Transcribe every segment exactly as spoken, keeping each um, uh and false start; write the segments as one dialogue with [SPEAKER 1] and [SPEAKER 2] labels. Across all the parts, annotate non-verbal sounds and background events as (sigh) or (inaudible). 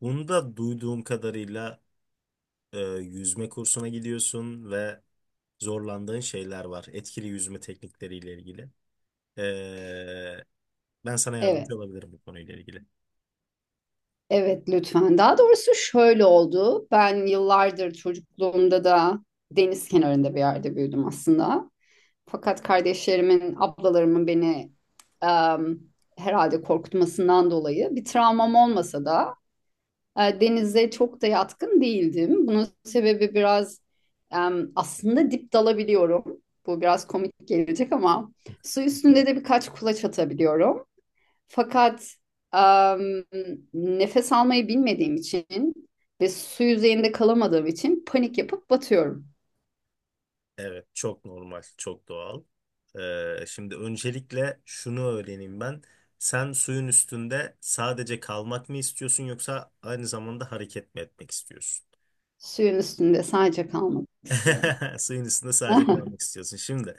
[SPEAKER 1] Bunda duyduğum kadarıyla e, yüzme kursuna gidiyorsun ve zorlandığın şeyler var. Etkili yüzme teknikleriyle ilgili. E, Ben sana
[SPEAKER 2] Evet,
[SPEAKER 1] yardımcı olabilirim bu konuyla ilgili.
[SPEAKER 2] evet lütfen. Daha doğrusu şöyle oldu. Ben yıllardır çocukluğumda da deniz kenarında bir yerde büyüdüm aslında. Fakat kardeşlerimin, ablalarımın beni em, herhalde korkutmasından dolayı bir travmam olmasa da e, denize çok da yatkın değildim. Bunun sebebi biraz em, aslında dip dalabiliyorum. Bu biraz komik gelecek ama su üstünde de birkaç kulaç atabiliyorum. Fakat em, nefes almayı bilmediğim için ve su yüzeyinde kalamadığım için panik yapıp batıyorum.
[SPEAKER 1] Evet, çok normal, çok doğal. E, şimdi öncelikle şunu öğreneyim ben. Sen suyun üstünde sadece kalmak mı istiyorsun yoksa aynı zamanda hareket mi etmek istiyorsun?
[SPEAKER 2] Suyun üstünde sadece kalmak istiyorum.
[SPEAKER 1] (laughs) Suyun üstünde sadece kalmak
[SPEAKER 2] (laughs)
[SPEAKER 1] istiyorsun. Şimdi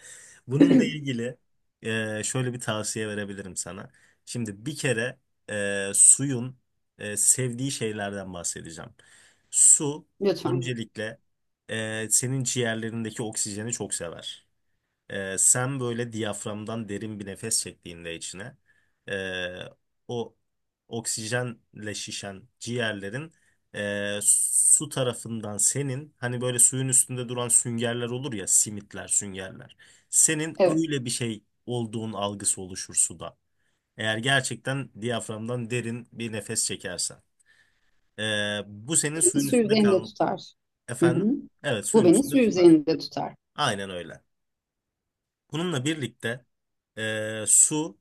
[SPEAKER 1] bununla ilgili e, şöyle bir tavsiye verebilirim sana. Şimdi bir kere e, suyun e, sevdiği şeylerden bahsedeceğim. Su
[SPEAKER 2] Lütfen.
[SPEAKER 1] öncelikle e, senin ciğerlerindeki oksijeni çok sever. Ee, sen böyle diyaframdan derin bir nefes çektiğinde içine ee, o oksijenle şişen ciğerlerin ee, su tarafından senin hani böyle suyun üstünde duran süngerler olur ya simitler süngerler. Senin
[SPEAKER 2] Evet.
[SPEAKER 1] öyle bir şey olduğun algısı oluşur suda. Eğer gerçekten diyaframdan derin bir nefes çekersen. Ee, bu senin
[SPEAKER 2] Beni
[SPEAKER 1] suyun
[SPEAKER 2] su
[SPEAKER 1] üstünde
[SPEAKER 2] yüzeyinde
[SPEAKER 1] kal
[SPEAKER 2] tutar. Hı hı.
[SPEAKER 1] efendim. Evet
[SPEAKER 2] Bu
[SPEAKER 1] suyun
[SPEAKER 2] beni su
[SPEAKER 1] üstünde tutar.
[SPEAKER 2] yüzeyinde tutar.
[SPEAKER 1] Aynen öyle. Bununla birlikte e, su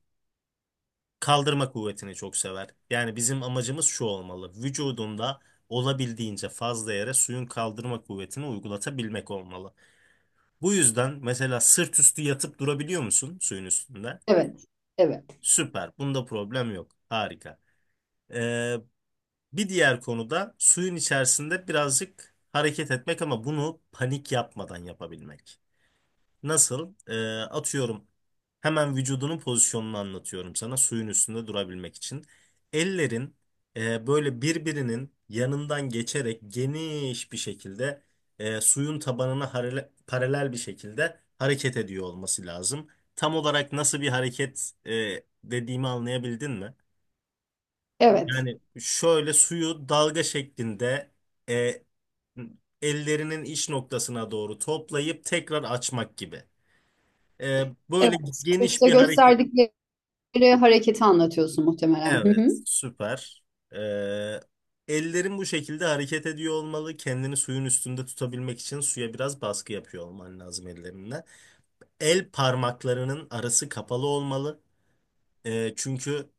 [SPEAKER 1] kaldırma kuvvetini çok sever. Yani bizim amacımız şu olmalı. Vücudunda olabildiğince fazla yere suyun kaldırma kuvvetini uygulatabilmek olmalı. Bu yüzden mesela sırt üstü yatıp durabiliyor musun suyun üstünde?
[SPEAKER 2] Evet. Evet.
[SPEAKER 1] Süper. Bunda problem yok. Harika. Ee, Bir diğer konu da suyun içerisinde birazcık hareket etmek ama bunu panik yapmadan yapabilmek. Nasıl? Ee, atıyorum hemen vücudunun pozisyonunu anlatıyorum sana suyun üstünde durabilmek için. Ellerin e, böyle birbirinin yanından geçerek geniş bir şekilde e, suyun tabanına harele- paralel bir şekilde hareket ediyor olması lazım. Tam olarak nasıl bir hareket e, dediğimi anlayabildin mi?
[SPEAKER 2] Evet.
[SPEAKER 1] Yani şöyle suyu dalga şeklinde e, ellerinin iç noktasına doğru toplayıp tekrar açmak gibi. Ee, Böyle
[SPEAKER 2] Evet.
[SPEAKER 1] geniş
[SPEAKER 2] Kursta
[SPEAKER 1] bir hareket.
[SPEAKER 2] gösterdikleri hareketi anlatıyorsun muhtemelen. Hı hı.
[SPEAKER 1] Evet, süper. Ee, Ellerin bu şekilde hareket ediyor olmalı. Kendini suyun üstünde tutabilmek için suya biraz baskı yapıyor olman lazım ellerinle. El parmaklarının arası kapalı olmalı. Ee, çünkü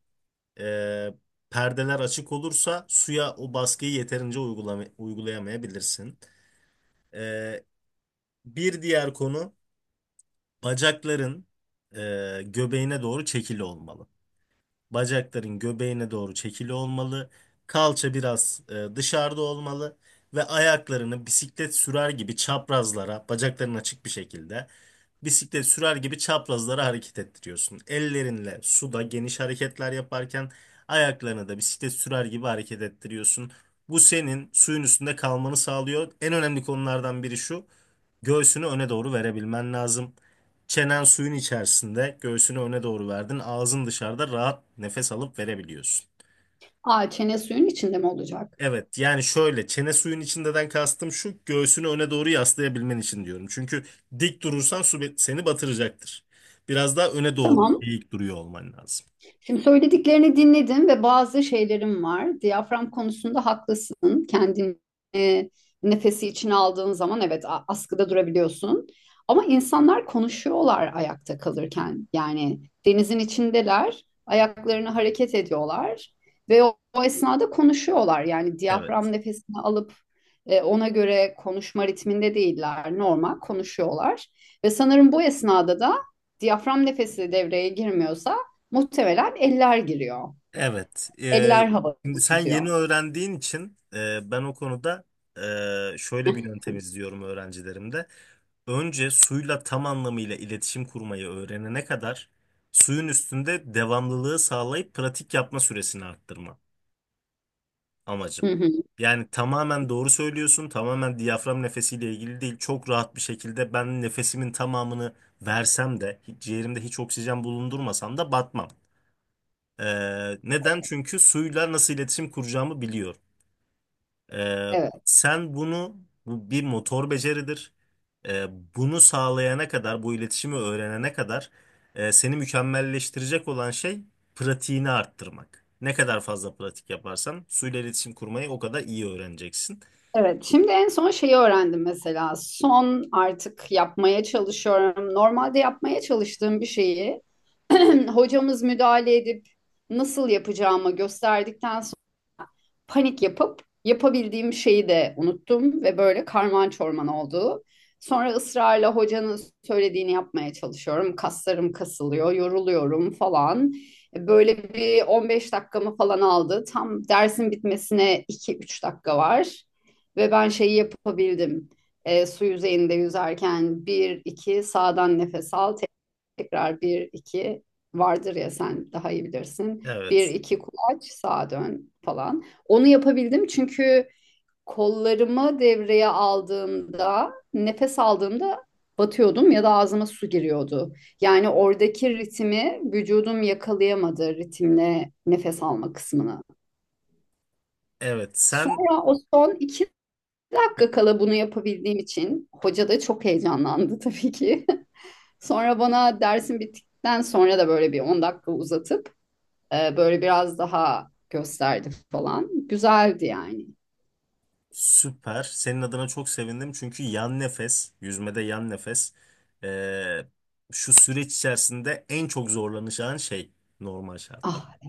[SPEAKER 1] e, perdeler açık olursa suya o baskıyı yeterince uygulama, uygulayamayabilirsin. Ee, Bir diğer konu bacakların e, göbeğine doğru çekili olmalı. Bacakların göbeğine doğru çekili olmalı. Kalça biraz e, dışarıda olmalı ve ayaklarını bisiklet sürer gibi çaprazlara, bacakların açık bir şekilde bisiklet sürer gibi çaprazlara hareket ettiriyorsun. Ellerinle suda geniş hareketler yaparken ayaklarını da bisiklet sürer gibi hareket ettiriyorsun. Bu senin suyun üstünde kalmanı sağlıyor. En önemli konulardan biri şu. Göğsünü öne doğru verebilmen lazım. Çenen suyun içerisinde, göğsünü öne doğru verdin. Ağzın dışarıda rahat nefes alıp verebiliyorsun.
[SPEAKER 2] Aa, çene suyun içinde mi olacak?
[SPEAKER 1] Evet, yani şöyle çene suyun içindeden kastım şu göğsünü öne doğru yaslayabilmen için diyorum. Çünkü dik durursan su be- seni batıracaktır. Biraz daha öne doğru
[SPEAKER 2] Tamam.
[SPEAKER 1] eğik duruyor olman lazım.
[SPEAKER 2] Şimdi söylediklerini dinledim ve bazı şeylerim var. Diyafram konusunda haklısın. Kendini e, nefesi içine aldığın zaman evet a- askıda durabiliyorsun. Ama insanlar konuşuyorlar ayakta kalırken. Yani denizin içindeler, ayaklarını hareket ediyorlar ve o, o esnada konuşuyorlar. Yani
[SPEAKER 1] Evet.
[SPEAKER 2] diyafram nefesini alıp e, ona göre konuşma ritminde değiller. Normal konuşuyorlar. Ve sanırım bu esnada da diyafram nefesi devreye girmiyorsa muhtemelen eller giriyor.
[SPEAKER 1] Evet.
[SPEAKER 2] Eller
[SPEAKER 1] Ee, şimdi
[SPEAKER 2] havada
[SPEAKER 1] sen yeni
[SPEAKER 2] tutuyor.
[SPEAKER 1] öğrendiğin için e, ben o konuda e, şöyle bir yöntem izliyorum öğrencilerimde. Önce suyla tam anlamıyla iletişim kurmayı öğrenene kadar suyun üstünde devamlılığı sağlayıp pratik yapma süresini arttırma amacım.
[SPEAKER 2] Hı hı.
[SPEAKER 1] Yani tamamen doğru söylüyorsun, tamamen diyafram nefesiyle ilgili değil. Çok rahat bir şekilde ben nefesimin tamamını versem de, hiç- ciğerimde hiç oksijen bulundurmasam da batmam. Ee, neden? Çünkü suyla nasıl iletişim kuracağımı biliyorum. Ee,
[SPEAKER 2] Evet,
[SPEAKER 1] Sen bunu bu bir motor beceridir. Ee, Bunu sağlayana kadar, bu iletişimi öğrenene kadar e, seni mükemmelleştirecek olan şey pratiğini arttırmak. Ne kadar fazla pratik yaparsan suyla iletişim kurmayı o kadar iyi öğreneceksin.
[SPEAKER 2] evet. Şimdi en son şeyi öğrendim mesela. Son artık yapmaya çalışıyorum. Normalde yapmaya çalıştığım bir şeyi (clears throat) hocamız müdahale edip nasıl yapacağımı gösterdikten panik yapıp yapabildiğim şeyi de unuttum ve böyle karman çorman oldu. Sonra ısrarla hocanın söylediğini yapmaya çalışıyorum. Kaslarım kasılıyor, yoruluyorum falan. E, Böyle bir on beş dakikamı falan aldı. Tam dersin bitmesine iki üç dakika var. Ve ben şeyi yapabildim. E, su yüzeyinde yüzerken bir iki sağdan nefes al, tekrar bir iki vardır ya sen daha iyi bilirsin. Bir
[SPEAKER 1] Evet.
[SPEAKER 2] iki kulaç sağa dön falan. Onu yapabildim çünkü kollarımı devreye aldığımda nefes aldığımda batıyordum ya da ağzıma su giriyordu. Yani oradaki ritmi vücudum yakalayamadı ritimle nefes alma kısmını.
[SPEAKER 1] Evet, sen
[SPEAKER 2] Sonra o son iki dakika kala bunu yapabildiğim için hoca da çok heyecanlandı tabii ki. (laughs) Sonra bana dersin bittikten sonra da böyle bir on dakika uzatıp e, böyle biraz daha gösterdi falan. Güzeldi yani.
[SPEAKER 1] süper. Senin adına çok sevindim çünkü yan nefes, yüzmede yan nefes e, şu süreç içerisinde en çok zorlanacağın şey normal
[SPEAKER 2] Ah,
[SPEAKER 1] şartlarda.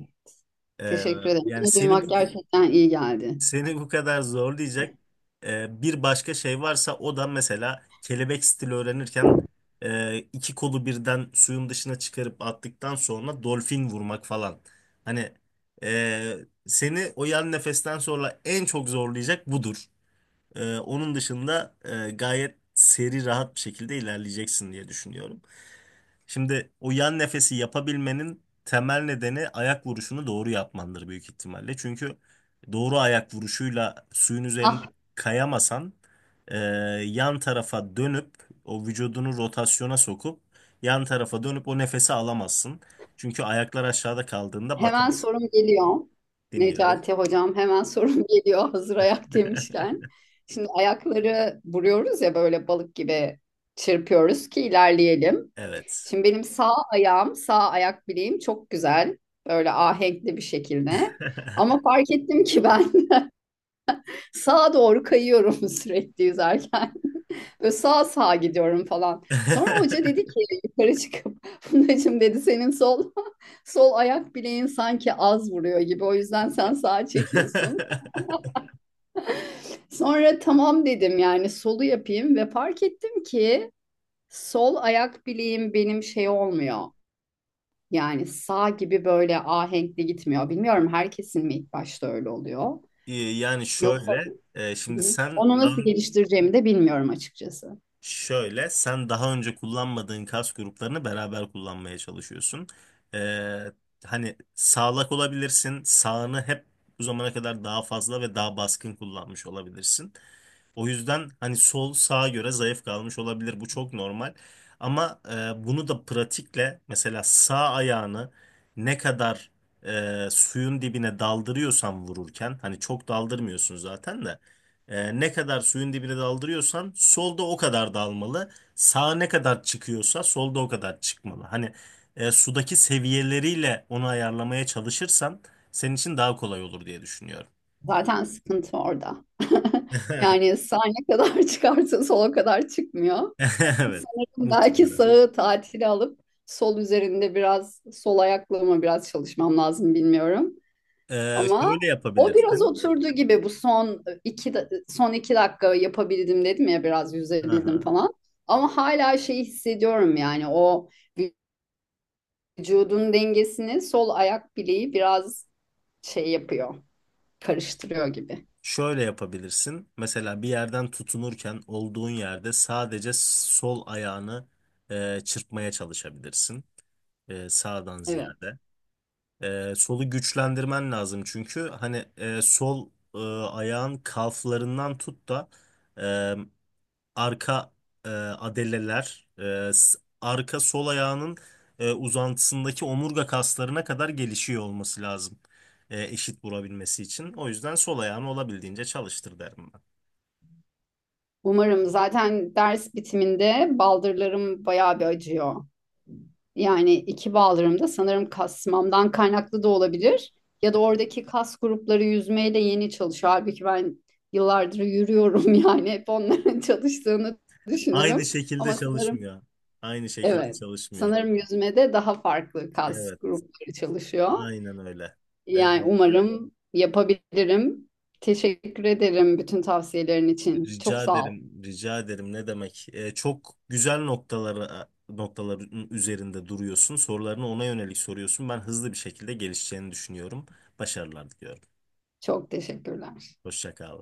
[SPEAKER 1] Ee,
[SPEAKER 2] teşekkür ederim.
[SPEAKER 1] Yani
[SPEAKER 2] Bunu
[SPEAKER 1] seni
[SPEAKER 2] duymak
[SPEAKER 1] bu
[SPEAKER 2] gerçekten iyi geldi.
[SPEAKER 1] seni bu kadar zorlayacak e, bir başka şey varsa o da mesela kelebek stili öğrenirken e, iki kolu birden suyun dışına çıkarıp attıktan sonra dolfin vurmak falan. Hani e, seni o yan nefesten sonra en çok zorlayacak budur. E, onun dışında e, gayet seri rahat bir şekilde ilerleyeceksin diye düşünüyorum. Şimdi o yan nefesi yapabilmenin temel nedeni ayak vuruşunu doğru yapmandır büyük ihtimalle. Çünkü doğru ayak vuruşuyla suyun üzerinde
[SPEAKER 2] Ah,
[SPEAKER 1] kayamasan e, yan tarafa dönüp o vücudunu rotasyona sokup yan tarafa dönüp o nefesi alamazsın. Çünkü ayaklar aşağıda kaldığında
[SPEAKER 2] hemen
[SPEAKER 1] batarsın.
[SPEAKER 2] sorum geliyor.
[SPEAKER 1] Dinliyorum.
[SPEAKER 2] Necati hocam hemen sorum (laughs) geliyor hazır ayak demişken. Şimdi ayakları vuruyoruz ya böyle balık gibi çırpıyoruz ki ilerleyelim.
[SPEAKER 1] Evet.
[SPEAKER 2] Şimdi benim sağ ayağım, sağ ayak bileğim çok güzel. Böyle ahenkli bir şekilde. Ama fark ettim ki ben (laughs) sağa doğru kayıyorum (laughs) sürekli yüzerken. Böyle sağa sağa gidiyorum falan. Sonra hoca dedi ki
[SPEAKER 1] (laughs)
[SPEAKER 2] yukarı çıkıp (laughs) Fundacığım dedi senin sol (laughs) sol ayak bileğin sanki az vuruyor gibi o yüzden sen sağa çekiyorsun. Sonra tamam dedim yani solu yapayım ve fark ettim ki sol ayak bileğim benim şey olmuyor. Yani sağ gibi böyle ahenkli gitmiyor. Bilmiyorum herkesin mi ilk başta öyle oluyor.
[SPEAKER 1] Ee, Yani
[SPEAKER 2] Yoksa
[SPEAKER 1] şöyle, e,
[SPEAKER 2] hı
[SPEAKER 1] şimdi
[SPEAKER 2] hı,
[SPEAKER 1] sen
[SPEAKER 2] onu
[SPEAKER 1] daha
[SPEAKER 2] nasıl geliştireceğimi de bilmiyorum açıkçası.
[SPEAKER 1] şöyle, sen daha önce kullanmadığın kas gruplarını beraber kullanmaya çalışıyorsun. Ee, Hani sağlak olabilirsin, sağını hep bu zamana kadar daha fazla ve daha baskın kullanmış olabilirsin. O yüzden hani sol sağa göre zayıf kalmış olabilir. Bu çok normal. Ama e, bunu da pratikle mesela sağ ayağını ne kadar e, suyun dibine daldırıyorsan vururken hani çok daldırmıyorsun zaten de ee, ne kadar suyun dibine daldırıyorsan solda o kadar dalmalı. Sağa ne kadar çıkıyorsa solda o kadar çıkmalı. Hani e, sudaki seviyeleriyle onu ayarlamaya çalışırsan senin için daha kolay olur diye düşünüyorum.
[SPEAKER 2] Zaten sıkıntı orada. (laughs) Yani
[SPEAKER 1] (laughs)
[SPEAKER 2] sağ ne kadar (laughs) çıkarsa sol sola kadar çıkmıyor.
[SPEAKER 1] Evet,
[SPEAKER 2] Sanırım belki
[SPEAKER 1] muhtemelen.
[SPEAKER 2] sağı tatile alıp sol üzerinde biraz sol ayaklığıma biraz çalışmam lazım bilmiyorum.
[SPEAKER 1] Ee,
[SPEAKER 2] Ama
[SPEAKER 1] şöyle
[SPEAKER 2] o biraz
[SPEAKER 1] yapabilirsin.
[SPEAKER 2] oturdu gibi bu son iki, da- son iki dakika yapabildim dedim ya biraz yüzebildim
[SPEAKER 1] Aha.
[SPEAKER 2] falan. Ama hala şeyi hissediyorum yani o vücudun dengesini sol ayak bileği biraz şey yapıyor, karıştırıyor gibi.
[SPEAKER 1] Şöyle yapabilirsin. Mesela bir yerden tutunurken olduğun yerde sadece sol ayağını e, çırpmaya çalışabilirsin. E, sağdan
[SPEAKER 2] Evet.
[SPEAKER 1] ziyade. Ee, solu güçlendirmen lazım çünkü hani e, sol e, ayağın kalflarından tut da e, arka e, adeleler, e, s- arka sol ayağının e, uzantısındaki omurga kaslarına kadar gelişiyor olması lazım e, eşit vurabilmesi için. O yüzden sol ayağını olabildiğince çalıştır derim ben.
[SPEAKER 2] Umarım zaten ders bitiminde baldırlarım bayağı bir acıyor. Yani iki baldırım da sanırım kasmamdan kaynaklı da olabilir. Ya da oradaki kas grupları yüzmeyle yeni çalışıyor. Halbuki ben yıllardır yürüyorum (laughs) yani hep onların çalıştığını
[SPEAKER 1] Aynı
[SPEAKER 2] düşünürüm.
[SPEAKER 1] şekilde
[SPEAKER 2] Ama sanırım
[SPEAKER 1] çalışmıyor. Aynı şekilde
[SPEAKER 2] evet
[SPEAKER 1] çalışmıyor.
[SPEAKER 2] sanırım yüzmede daha farklı kas
[SPEAKER 1] Evet,
[SPEAKER 2] grupları çalışıyor.
[SPEAKER 1] aynen öyle.
[SPEAKER 2] Yani umarım yapabilirim. Teşekkür ederim bütün tavsiyelerin için. Çok
[SPEAKER 1] Rica
[SPEAKER 2] sağ ol.
[SPEAKER 1] ederim, rica ederim. Ne demek? Ee, çok güzel noktaları noktaların üzerinde duruyorsun. Sorularını ona yönelik soruyorsun. Ben hızlı bir şekilde gelişeceğini düşünüyorum. Başarılar diliyorum.
[SPEAKER 2] Çok teşekkürler.
[SPEAKER 1] Hoşça kal.